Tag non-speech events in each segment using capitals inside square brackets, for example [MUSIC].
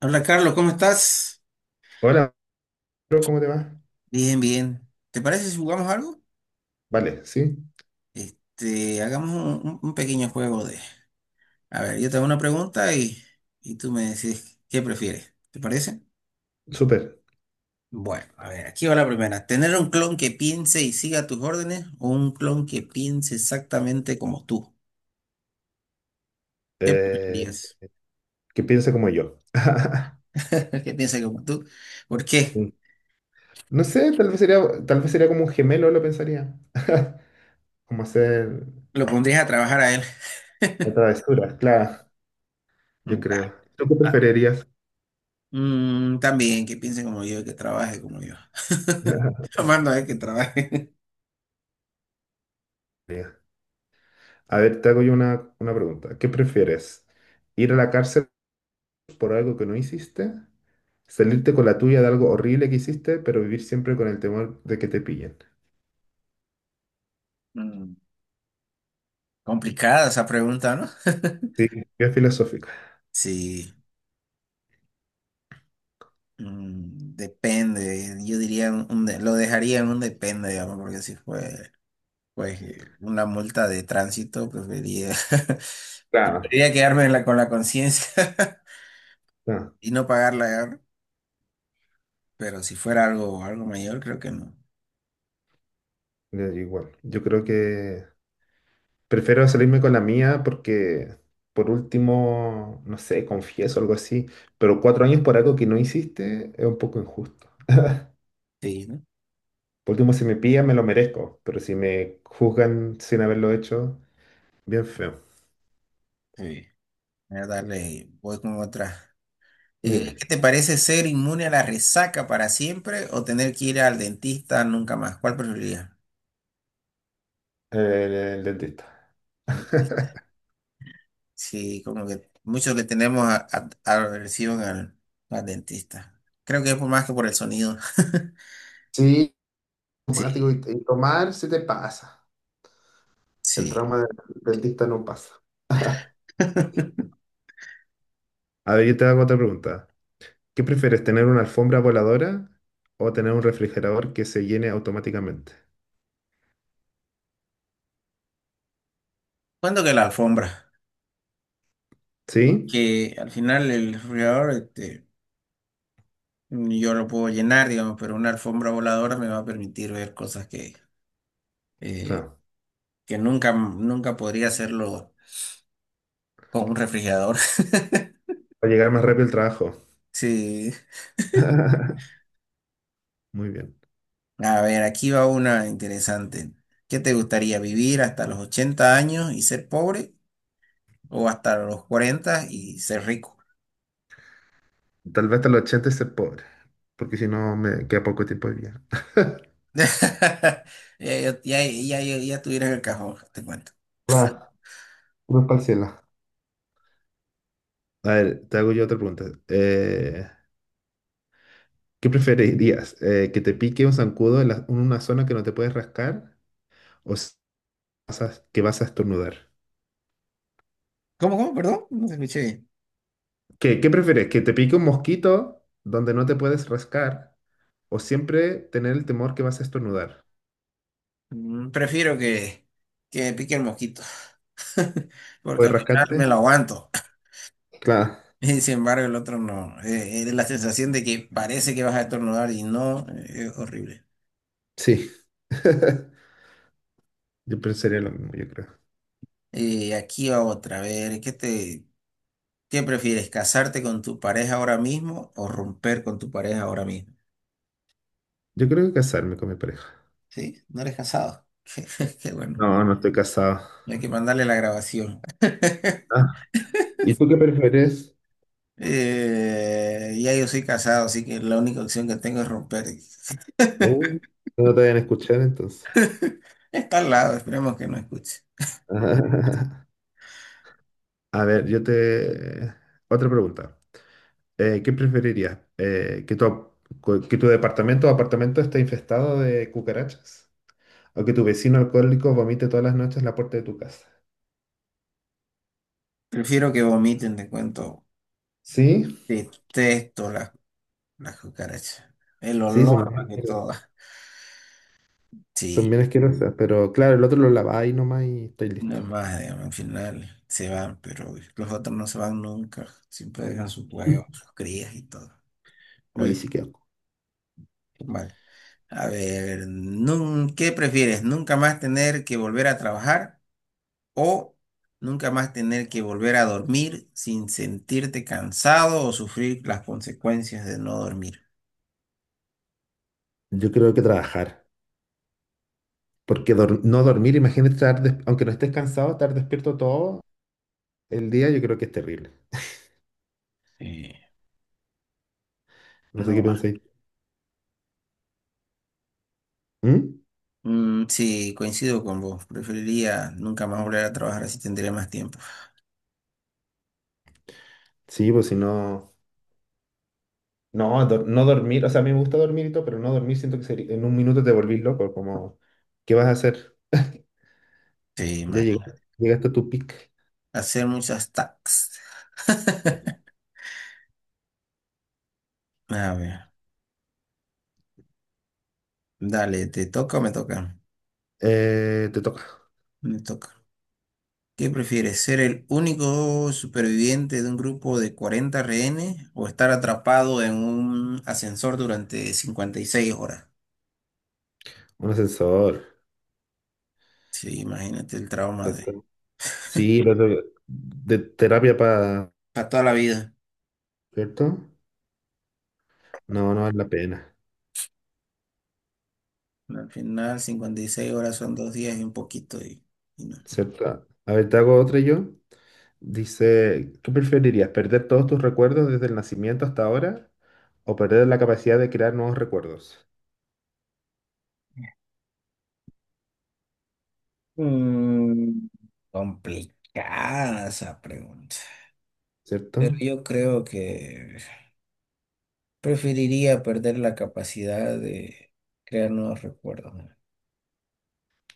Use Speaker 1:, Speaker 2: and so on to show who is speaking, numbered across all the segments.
Speaker 1: Hola Carlos, ¿cómo estás?
Speaker 2: Hola, bro, ¿cómo te va?
Speaker 1: Bien, bien. ¿Te parece si jugamos algo?
Speaker 2: Vale, sí,
Speaker 1: Hagamos un pequeño juego de... A ver, yo te hago una pregunta y tú me decís qué prefieres. ¿Te parece?
Speaker 2: súper.
Speaker 1: Bueno, a ver, aquí va la primera. ¿Tener un clon que piense y siga tus órdenes o un clon que piense exactamente como tú? ¿Qué
Speaker 2: Eh,
Speaker 1: preferirías?
Speaker 2: que piense como yo. [LAUGHS]
Speaker 1: [LAUGHS] ¿Que piense como tú? ¿Por qué?
Speaker 2: No sé, tal vez sería como un gemelo, lo pensaría. [LAUGHS] Como hacer
Speaker 1: ¿Lo pondrías a trabajar a él?
Speaker 2: travesuras, claro, yo
Speaker 1: Mm,
Speaker 2: creo. ¿Tú qué preferirías?
Speaker 1: También, que piense como yo, que trabaje como yo. [LAUGHS] Lo
Speaker 2: [LAUGHS]
Speaker 1: mando a él que trabaje.
Speaker 2: Mira, a ver, te hago yo una pregunta. ¿Qué prefieres? ¿Ir a la cárcel por algo que no hiciste? ¿Salirte con la tuya de algo horrible que hiciste, pero vivir siempre con el temor de que te pillen?
Speaker 1: [LAUGHS] Mm. Complicada esa pregunta, ¿no? [LAUGHS]
Speaker 2: Sí, bien filosófica.
Speaker 1: Sí, depende. Yo diría, lo dejaría en un depende, digamos, porque si fue pues, una multa de tránsito, preferiría, [LAUGHS]
Speaker 2: Claro.
Speaker 1: preferiría quedarme con la conciencia
Speaker 2: Claro.
Speaker 1: [LAUGHS] y no pagarla, digamos. Pero si fuera algo, algo mayor, creo que no.
Speaker 2: Ya, yo igual. Yo creo que prefiero salirme con la mía porque, por último, no sé, confieso algo así, pero cuatro años por algo que no hiciste es un poco injusto.
Speaker 1: Sí, ¿no?
Speaker 2: Por último, si me pillan, me lo merezco, pero si me juzgan sin haberlo hecho, bien feo.
Speaker 1: Sí. Voy a darle, voy con otra.
Speaker 2: Dime,
Speaker 1: ¿Qué te parece ser inmune a la resaca para siempre o tener que ir al dentista nunca más? ¿Cuál preferirías?
Speaker 2: el, el dentista. [LAUGHS]
Speaker 1: Sí, como que muchos le tenemos aversión al dentista. Creo que es por más que por el sonido. [LAUGHS]
Speaker 2: Sí, automático
Speaker 1: Sí,
Speaker 2: y tomar se te pasa. El
Speaker 1: sí.
Speaker 2: trauma del dentista no pasa.
Speaker 1: [LAUGHS]
Speaker 2: A ver, yo te hago otra pregunta. ¿Qué prefieres, tener una alfombra voladora o tener un refrigerador que se llene automáticamente?
Speaker 1: Cuando que la alfombra,
Speaker 2: ¿Sí?
Speaker 1: que al final el refrigerador, yo lo puedo llenar, digamos, pero una alfombra voladora me va a permitir ver cosas eh,
Speaker 2: Claro.
Speaker 1: que nunca, nunca podría hacerlo con un refrigerador. [LAUGHS]
Speaker 2: Para llegar más rápido al trabajo.
Speaker 1: Sí.
Speaker 2: [LAUGHS] Muy bien.
Speaker 1: A ver, aquí va una interesante. ¿Qué te gustaría, vivir hasta los 80 años y ser pobre o hasta los 40 y ser rico?
Speaker 2: Tal vez hasta los 80 ser pobre, porque si no me queda poco tiempo de vida.
Speaker 1: [LAUGHS] Ya, ya, ya, ya, ya ya tuvieras el cajón, te cuento.
Speaker 2: Claro, cruz para el cielo. A ver, te hago yo otra pregunta. ¿Qué preferirías? ¿Que te pique un zancudo en una zona que no te puedes rascar o que vas a estornudar?
Speaker 1: ¿Cómo, cómo? Perdón, no te escuché bien.
Speaker 2: ¿Qué prefieres? ¿Que te pique un mosquito donde no te puedes rascar o siempre tener el temor que vas a estornudar?
Speaker 1: Prefiero que me pique el mosquito, [LAUGHS]
Speaker 2: ¿No?
Speaker 1: porque
Speaker 2: ¿Puedes
Speaker 1: al final me
Speaker 2: rascarte?
Speaker 1: lo aguanto. [LAUGHS]
Speaker 2: Claro,
Speaker 1: Y sin embargo, el otro no. La sensación de que parece que vas a estornudar y no, es horrible.
Speaker 2: sí. [LAUGHS] Yo pensaría lo mismo, yo creo.
Speaker 1: Aquí va otra. A ver, ¿qué prefieres? ¿Casarte con tu pareja ahora mismo o romper con tu pareja ahora mismo?
Speaker 2: Yo creo que casarme con mi pareja.
Speaker 1: Sí, no eres casado. [LAUGHS] Qué, bueno.
Speaker 2: No, no estoy casado.
Speaker 1: Hay que mandarle la grabación.
Speaker 2: Ah, ¿y tú qué prefieres?
Speaker 1: Ya yo soy casado, así que la única opción que tengo es romper. [LAUGHS]
Speaker 2: Oh, no te vayan a escuchar entonces.
Speaker 1: Está al lado, esperemos que no escuche.
Speaker 2: [LAUGHS] A ver, Otra pregunta. ¿Qué preferirías? ¿Que que tu departamento o apartamento esté infestado de cucarachas? O que tu vecino alcohólico vomite todas las noches en la puerta de tu casa.
Speaker 1: Prefiero que vomiten, te cuento.
Speaker 2: Sí,
Speaker 1: Detesto las cucarachas. El
Speaker 2: sí, son
Speaker 1: olor más
Speaker 2: bien
Speaker 1: que todo.
Speaker 2: asquerosas. Son
Speaker 1: Sí,
Speaker 2: bien asquerosas, pero claro, el otro lo laváis nomás y estoy
Speaker 1: no
Speaker 2: listo.
Speaker 1: es más, digamos, al final se van, pero los otros no se van nunca. Siempre dejan sus huevos,
Speaker 2: [LAUGHS]
Speaker 1: sus crías y todo.
Speaker 2: Hoy sí
Speaker 1: Uy,
Speaker 2: que
Speaker 1: qué mal. A ver, ¿qué prefieres? ¿Nunca más tener que volver a trabajar, o nunca más tener que volver a dormir sin sentirte cansado o sufrir las consecuencias de no dormir?
Speaker 2: Yo creo que trabajar. Porque no dormir, imagínate estar, aunque no estés cansado, estar despierto todo el día, yo creo que es terrible.
Speaker 1: Sí.
Speaker 2: No sé
Speaker 1: No
Speaker 2: qué
Speaker 1: va.
Speaker 2: pensáis. ¿Mm?
Speaker 1: Mm, sí, coincido con vos. Preferiría nunca más volver a trabajar, así tendría más tiempo.
Speaker 2: Sí, pues si no. No, no dormir. O sea, a mí me gusta dormir y todo, pero no dormir siento que en un minuto te volvís loco. Como, ¿qué vas a hacer?
Speaker 1: Sí,
Speaker 2: Ya
Speaker 1: imagínate.
Speaker 2: llegaste, llegaste a tu pic.
Speaker 1: Hacer muchas tax. [LAUGHS] A ver, dale, ¿te toca o me toca?
Speaker 2: Te toca.
Speaker 1: Me toca. ¿Qué prefieres? ¿Ser el único superviviente de un grupo de 40 rehenes o estar atrapado en un ascensor durante 56 horas?
Speaker 2: Un ascensor.
Speaker 1: Sí, imagínate el trauma de...
Speaker 2: ¿Cierto?
Speaker 1: [LAUGHS]
Speaker 2: Sí, lo de terapia.
Speaker 1: Para toda la vida.
Speaker 2: ¿Cierto? No, no vale la pena.
Speaker 1: Al final, 56 horas son 2 días y un poquito. Y no.
Speaker 2: ¿Cierto? A ver, te hago otra yo. Dice, ¿qué preferirías? ¿Perder todos tus recuerdos desde el nacimiento hasta ahora? ¿O perder la capacidad de crear nuevos recuerdos?
Speaker 1: Mm, Complicada esa pregunta. Pero
Speaker 2: ¿Cierto?
Speaker 1: yo creo que preferiría perder la capacidad de crear nuevos recuerdos, ¿no?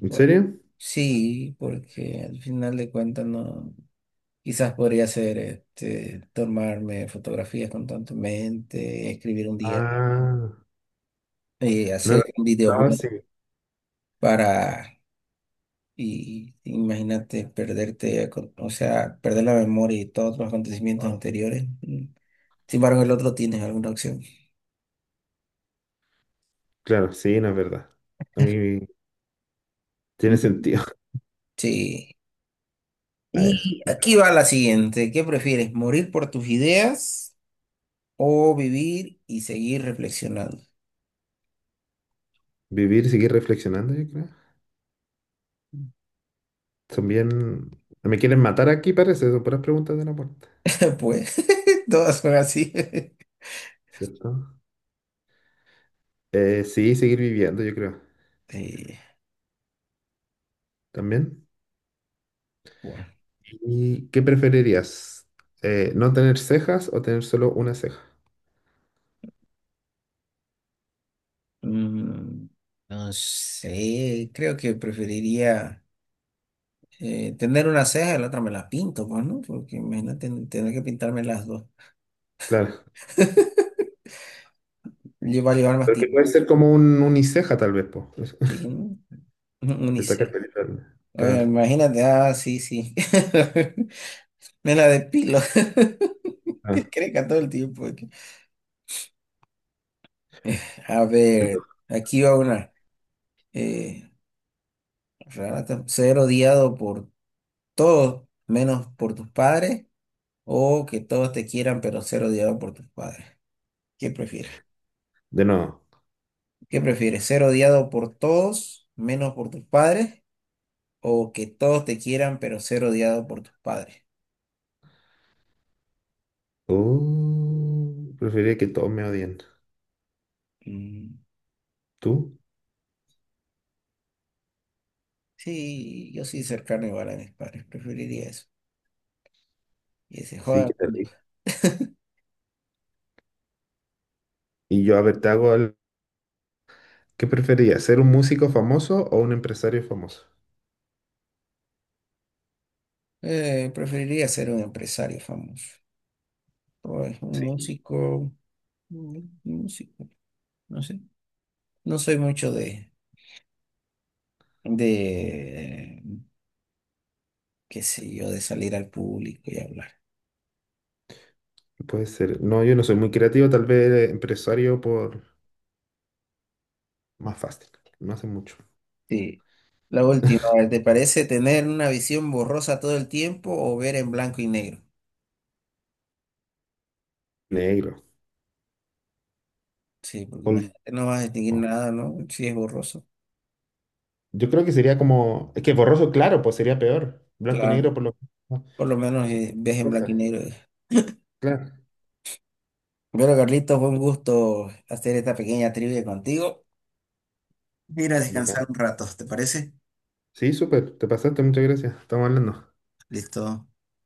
Speaker 2: ¿En
Speaker 1: Bueno,
Speaker 2: serio?
Speaker 1: sí, porque al final de cuentas no. Quizás podría ser tomarme fotografías constantemente, escribir un día,
Speaker 2: Ah, no,
Speaker 1: hacer un
Speaker 2: no, no,
Speaker 1: videoblog
Speaker 2: sí.
Speaker 1: para. Y imagínate perderte, o sea, perder la memoria y todos los acontecimientos, Wow, anteriores. Mm. Sin embargo, el otro tienes alguna opción.
Speaker 2: Claro, sí, no es verdad. A mí tiene
Speaker 1: Mm.
Speaker 2: sentido.
Speaker 1: Sí.
Speaker 2: [LAUGHS] A ver,
Speaker 1: Y aquí va la siguiente. ¿Qué prefieres? ¿Morir por tus ideas o vivir y seguir reflexionando?
Speaker 2: vivir y seguir reflexionando, yo creo. Me quieren matar aquí, parece. Son puras preguntas de la puerta.
Speaker 1: [LAUGHS] Pues [LAUGHS] todas son así. [LAUGHS]
Speaker 2: ¿Cierto? Sí, seguir viviendo, yo creo.
Speaker 1: Sí,
Speaker 2: También.
Speaker 1: bueno.
Speaker 2: ¿Y qué preferirías? ¿No tener cejas o tener solo una ceja?
Speaker 1: Mm, no sé, creo que preferiría, tener una ceja y la otra me la pinto, pues, ¿no? Porque imagínate tener que pintarme las dos.
Speaker 2: Claro.
Speaker 1: [LAUGHS] Lleva a llevar más
Speaker 2: Porque
Speaker 1: tiempo,
Speaker 2: puede ser como un uniceja, tal vez, po. Eso,
Speaker 1: sí, ¿no?
Speaker 2: te sacas
Speaker 1: Unisex.
Speaker 2: película.
Speaker 1: Oye,
Speaker 2: Claro.
Speaker 1: imagínate, ah, sí, sí. [LAUGHS] Me la depilo. [LAUGHS]
Speaker 2: Ah,
Speaker 1: Que creca todo el tiempo aquí. A
Speaker 2: te
Speaker 1: ver,
Speaker 2: toca.
Speaker 1: aquí va una. Eh, Renata, ser odiado por todos, menos por tus padres, o que todos te quieran, pero ser odiado por tus padres. ¿Qué prefieres?
Speaker 2: de nuevo.
Speaker 1: ¿Qué prefieres? ¿Ser odiado por todos, menos por tus padres? ¿O que todos te quieran, pero ser odiado por tus padres?
Speaker 2: Preferiría que todos me odien.
Speaker 1: Mm,
Speaker 2: ¿Tú?
Speaker 1: sí, yo sí cercano igual a mis padres. Preferiría eso. Y ese joda
Speaker 2: Sí,
Speaker 1: al
Speaker 2: que te ríes.
Speaker 1: mundo. [LAUGHS]
Speaker 2: Y yo, a ver. ¿Qué preferirías? ¿Ser un músico famoso o un empresario famoso?
Speaker 1: Preferiría ser un empresario famoso. O es un
Speaker 2: Sí.
Speaker 1: músico. Un músico. No sé. No soy mucho de, qué sé yo, de salir al público y hablar.
Speaker 2: Puede ser. No, yo no soy muy creativo, tal vez empresario por más fácil. No hace mucho.
Speaker 1: Sí. La última, ¿te parece tener una visión borrosa todo el tiempo o ver en blanco y negro?
Speaker 2: Negro.
Speaker 1: Sí, porque
Speaker 2: Ol-
Speaker 1: imagínate, no vas a distinguir
Speaker 2: no.
Speaker 1: nada, ¿no? Si es borroso.
Speaker 2: Yo creo que sería como. Es que borroso, claro, pues sería peor. Blanco y
Speaker 1: Claro.
Speaker 2: negro por lo menos.
Speaker 1: Por lo menos ves en blanco y
Speaker 2: Cosas.
Speaker 1: negro.
Speaker 2: Claro.
Speaker 1: Bueno, Carlitos, fue un gusto hacer esta pequeña trivia contigo. Mira, a descansar
Speaker 2: Bacán.
Speaker 1: un rato, ¿te parece?
Speaker 2: Sí, súper. Te pasaste, muchas gracias. Estamos hablando.
Speaker 1: Listo.